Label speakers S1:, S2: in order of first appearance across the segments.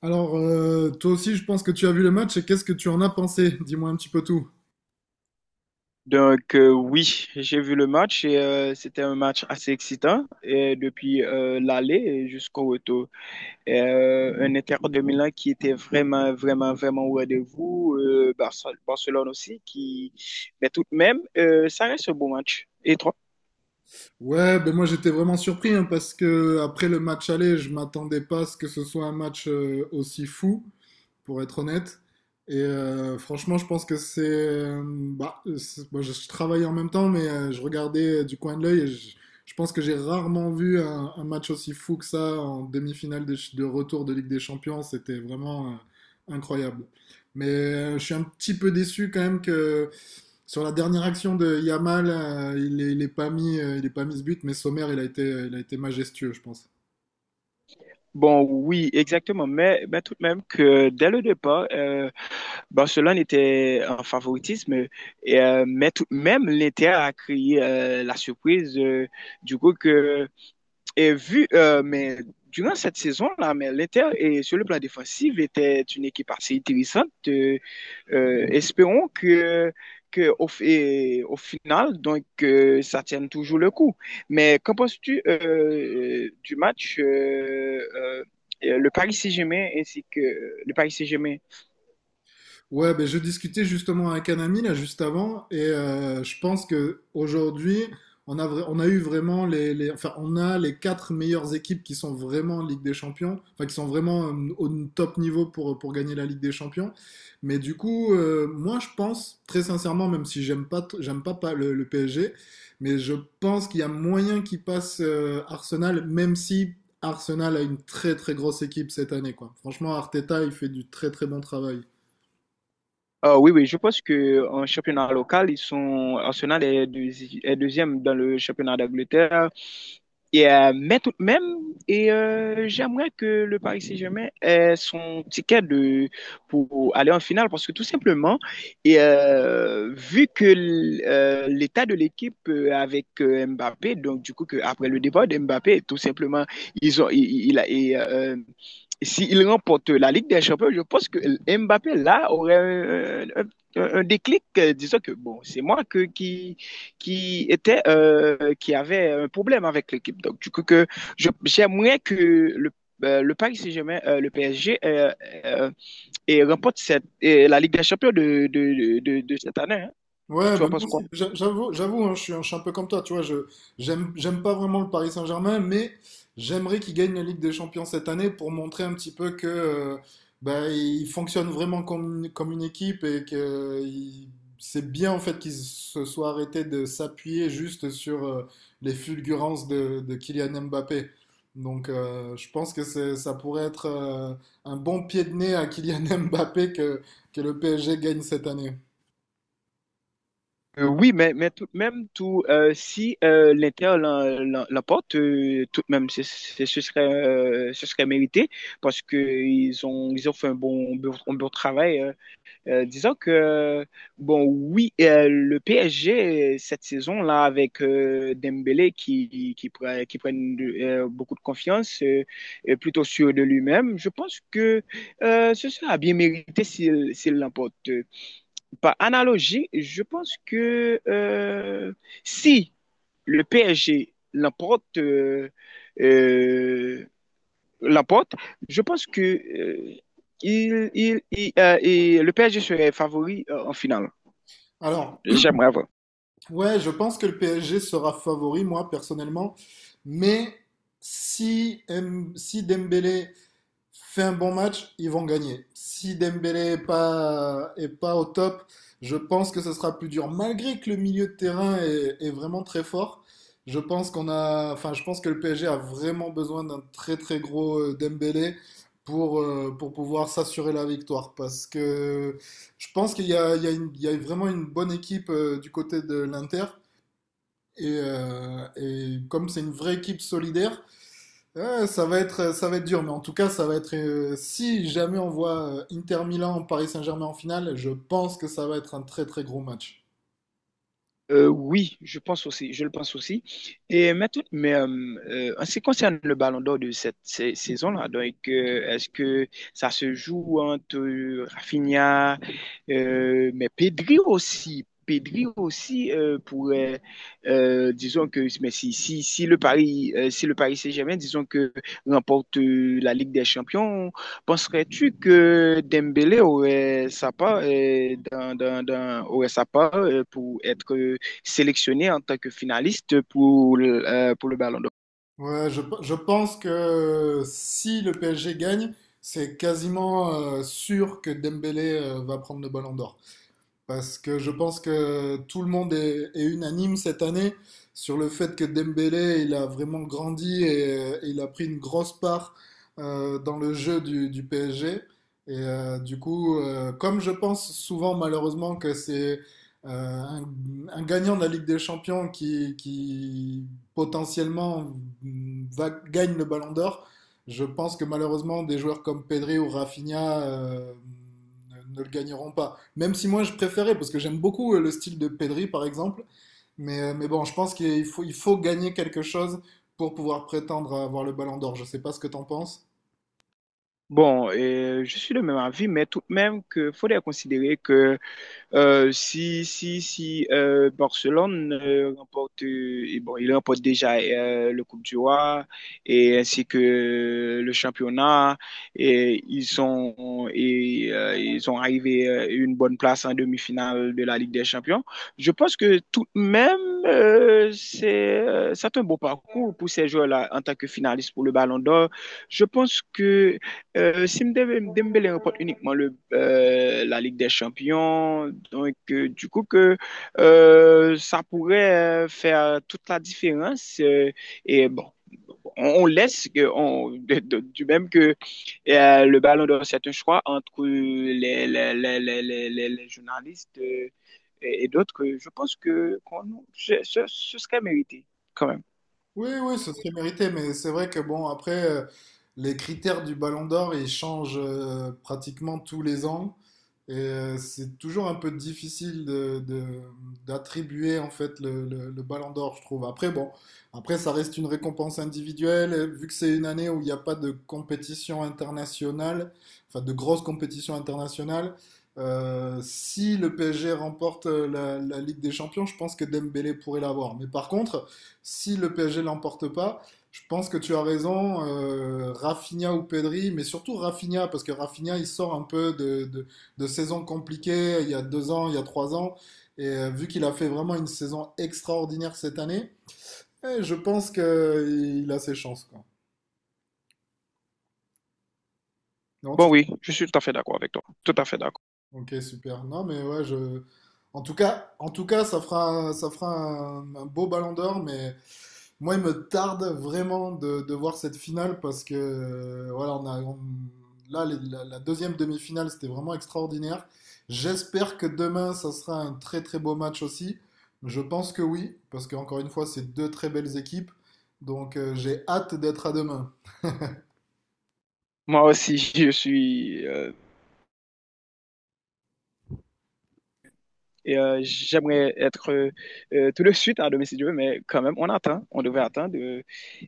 S1: Alors, toi aussi, je pense que tu as vu le match et qu'est-ce que tu en as pensé? Dis-moi un petit peu tout.
S2: Oui, j'ai vu le match et c'était un match assez excitant et depuis l'aller jusqu'au retour. Et, un Inter de Milan qui était vraiment, vraiment, vraiment au rendez-vous, Barcelone aussi, qui... mais tout de même, ça reste un bon match. Et toi?
S1: Ouais, ben moi j'étais vraiment surpris hein, parce que après le match aller, je m'attendais pas à ce que ce soit un match aussi fou. Pour être honnête. Et franchement, je pense que c'est. Bah, moi, je travaillais en même temps, mais je regardais du coin de l'œil, et je pense que j'ai rarement vu un match aussi fou que ça en demi-finale de retour de Ligue des Champions. C'était vraiment incroyable. Mais je suis un petit peu déçu quand même que sur la dernière action de Yamal, il est pas mis, il est pas mis ce but, mais Sommer, il a été majestueux, je pense.
S2: Bon, oui, exactement, mais tout de même que dès le départ, Barcelone était en favoritisme, et, mais tout de même, l'Inter a créé la surprise. Du coup, que et vu, mais durant cette saison-là, mais l'Inter, et sur le plan défensif, était une équipe assez intéressante. Espérons que au, et au final, ça tienne toujours le coup. Mais qu'en penses-tu du match le Paris Saint-Germain ainsi que le Paris Saint-Germain?
S1: Ouais, ben je discutais justement avec un ami là juste avant, et je pense que aujourd'hui on a eu vraiment enfin on a les quatre meilleures équipes qui sont vraiment en Ligue des Champions, enfin qui sont vraiment au top niveau pour gagner la Ligue des Champions. Mais du coup, moi je pense très sincèrement, même si j'aime pas le PSG, mais je pense qu'il y a moyen qu'il passe Arsenal, même si Arsenal a une très très grosse équipe cette année quoi. Franchement, Arteta il fait du très très bon travail.
S2: Ah oui, oui, je pense que en championnat local, ils sont Arsenal est deuxième dans le championnat d'Angleterre. Et, mais tout de même, et j'aimerais que le Paris Saint-Germain ait son ticket de, pour aller en finale parce que tout simplement, et, vu que l'état de l'équipe avec Mbappé, donc du coup, que après le départ de Mbappé, tout simplement, ils ont, il a, et, s'il remporte la Ligue des Champions, je pense que Mbappé là aurait un, un déclic, disant que bon, c'est moi qui était qui avait un problème avec l'équipe. Donc du coup que j'aimerais que le Paris Saint-Germain, le PSG, euh, remporte cette, et la Ligue des Champions cette année, hein.
S1: Ouais,
S2: Tu vois,
S1: ben
S2: penses
S1: moi aussi,
S2: quoi?
S1: j'avoue, hein, je suis un peu comme toi, tu vois, je j'aime pas vraiment le Paris Saint-Germain, mais j'aimerais qu'ils gagnent la Ligue des Champions cette année pour montrer un petit peu que ben, ils fonctionnent vraiment comme une équipe, et que c'est bien en fait qu'ils se soient arrêtés de s'appuyer juste sur les fulgurances de Kylian Mbappé. Donc je pense que ça pourrait être un bon pied de nez à Kylian Mbappé que, le PSG gagne cette année.
S2: Oui, mais tout de même, si l'Inter l'emporte, tout de même, ce serait mérité parce qu'ils ont, ils ont fait un bon travail. Disons que, bon, oui, le PSG, cette saison-là, avec Dembélé qui prennent beaucoup de confiance, est plutôt sûr de lui-même, je pense que ce sera bien mérité s'il l'emporte. Par analogie, je pense que si le PSG l'emporte, euh, Laporte, je pense que il, et le PSG serait favori en finale.
S1: Alors.
S2: J'aimerais voir.
S1: Ouais, je pense que le PSG sera favori, moi, personnellement. Mais si Dembélé fait un bon match, ils vont gagner. Si Dembélé est pas au top, je pense que ce sera plus dur. Malgré que le milieu de terrain est vraiment très fort, je pense qu'on a, enfin, je pense que le PSG a vraiment besoin d'un très très gros Dembélé pour pouvoir s'assurer la victoire. Parce que je pense qu'il y a vraiment une bonne équipe du côté de l'Inter. Et comme c'est une vraie équipe solidaire, ouais, ça va être dur, mais en tout cas, ça va être. Si jamais on voit Inter Milan, Paris Saint-Germain en finale, je pense que ça va être un très très gros match.
S2: Oui, je pense aussi, je le pense aussi. Et mais, tout- mais euh, En ce qui concerne le Ballon d'Or de cette saison-là, est-ce que ça se joue entre Rafinha, mais Pedri aussi pourrait, disons que, mais si le Paris, si le Paris Saint-Germain, disons que remporte la Ligue des Champions, penserais-tu que Dembélé aurait sa part aurait sa part pour être sélectionné en tant que finaliste pour le Ballon d'Or.
S1: Ouais, je pense que si le PSG gagne, c'est quasiment sûr que Dembélé va prendre le Ballon d'Or. Parce que je pense que tout le monde est unanime cette année sur le fait que Dembélé, il a vraiment grandi et il a pris une grosse part dans le jeu du PSG. Et du coup, comme je pense souvent malheureusement que c'est euh, un, un gagnant de la Ligue des Champions qui potentiellement gagne le Ballon d'Or, je pense que malheureusement des joueurs comme Pedri ou Rafinha ne le gagneront pas. Même si moi je préférais, parce que j'aime beaucoup le style de Pedri par exemple, mais bon, je pense qu'il faut gagner quelque chose pour pouvoir prétendre à avoir le Ballon d'Or. Je sais pas ce que t'en penses.
S2: Bon, je suis de même avis, mais tout de même qu'il faudrait considérer que si Barcelone remporte, et bon, il remporte déjà le Coupe du Roi et ainsi que le championnat, ils sont arrivés une bonne place en demi-finale de la Ligue des Champions. Je pense que tout de même, c'est un beau parcours pour ces joueurs-là en tant que finalistes pour le Ballon d'Or. Je pense que si Dembélé remporte uniquement la Ligue des Champions, du coup que ça pourrait faire toute la différence. Et bon, on laisse que du même que le Ballon d'Or c'est un choix entre les journalistes et d'autres. Je pense que ce serait mérité quand même.
S1: Oui, oui, ce serait mérité, mais c'est vrai que bon, après, les critères du Ballon d'Or, ils changent pratiquement tous les ans. Et c'est toujours un peu difficile d'attribuer en fait le Ballon d'Or, je trouve. Après, bon, après, ça reste une récompense individuelle. Et vu que c'est une année où il n'y a pas de compétition internationale, enfin de grosse compétition internationale, si le PSG remporte la Ligue des Champions, je pense que Dembélé pourrait l'avoir. Mais par contre, si le PSG l'emporte pas, je pense que tu as raison, Rafinha ou Pedri, mais surtout Rafinha, parce que Rafinha, il sort un peu de saison compliquée, il y a 2 ans, il y a 3 ans, et vu qu'il a fait vraiment une saison extraordinaire cette année, eh, je pense qu'il a ses chances, quoi. Non, tu.
S2: Bon oui, je suis tout à fait d'accord avec toi. Tout à fait d'accord.
S1: Ok, super. Non, mais ouais, je. En tout cas, ça fera un beau Ballon d'Or, mais moi, il me tarde vraiment de voir cette finale parce que voilà, là, la deuxième demi-finale, c'était vraiment extraordinaire. J'espère que demain, ça sera un très très beau match aussi. Je pense que oui, parce qu'encore une fois, c'est deux très belles équipes, donc j'ai hâte d'être à demain.
S2: Moi aussi, je suis et j'aimerais être tout de suite à demain si Dieu veut, mais quand même, on attend. On devait attendre.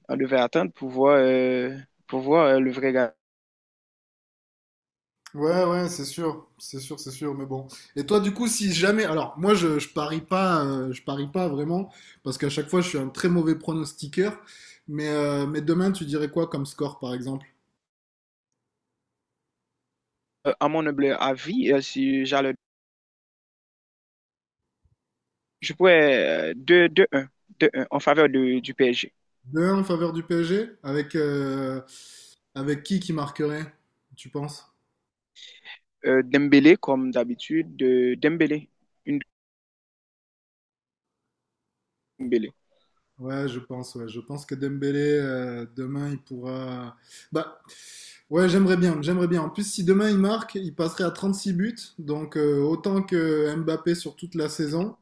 S2: On devait attendre pour voir le vrai gars.
S1: Ouais, ouais, c'est sûr, c'est sûr, c'est sûr, mais bon. Et toi, du coup, si jamais, alors moi, je parie pas vraiment, parce qu'à chaque fois, je suis un très mauvais pronostiqueur. Mais demain, tu dirais quoi comme score, par exemple?
S2: À mon humble avis, si j'allais, je pourrais deux un deux un en faveur du PSG.
S1: Deux 1 en faveur du PSG, avec avec qui marquerait, tu penses?
S2: Dembélé, comme d'habitude, de Dembélé. Une Dembélé.
S1: Ouais, je pense que Dembélé demain, il pourra. Bah. Ouais, j'aimerais bien, j'aimerais bien. En plus, si demain il marque, il passerait à 36 buts, donc autant que Mbappé sur toute la saison.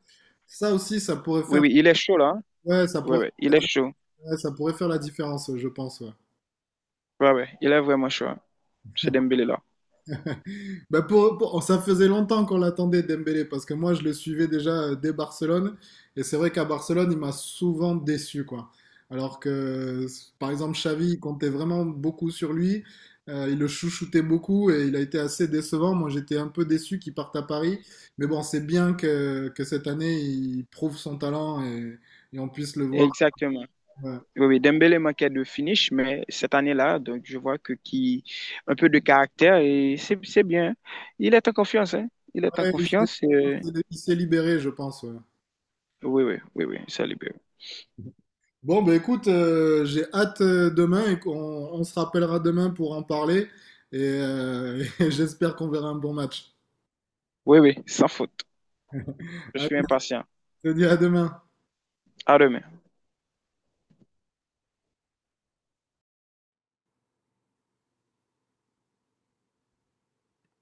S1: Ça aussi, ça pourrait
S2: Oui,
S1: faire,
S2: oui, il est chaud là.
S1: ouais, ça
S2: Oui,
S1: pourrait,
S2: oui, il est chaud.
S1: ouais, ça pourrait faire la différence, je pense. Ouais.
S2: Oui, oui, il est vraiment chaud. C'est Dembélé là.
S1: Bah oh, ça faisait longtemps qu'on l'attendait Dembélé parce que moi je le suivais déjà dès Barcelone, et c'est vrai qu'à Barcelone il m'a souvent déçu quoi. Alors que par exemple Xavi il comptait vraiment beaucoup sur lui, il le chouchoutait beaucoup et il a été assez décevant. Moi j'étais un peu déçu qu'il parte à Paris, mais bon c'est bien que cette année il prouve son talent, et on puisse le voir.
S2: Exactement.
S1: Ouais.
S2: Oui, oui, Dembélé manquait de finish, mais cette année-là, donc je vois que qui un peu de caractère et c'est bien. Il est en confiance, hein. Il est en
S1: Ouais,
S2: confiance.
S1: il s'est libéré, je pense. Ouais.
S2: Oui, oui, oui, oui, ça libère.
S1: Bon, bah écoute, j'ai hâte demain, et qu'on se rappellera demain pour en parler. Et j'espère qu'on verra un bon match.
S2: Oui, oui, sans faute. Je
S1: Allez,
S2: suis impatient.
S1: je te dis à demain.
S2: À demain.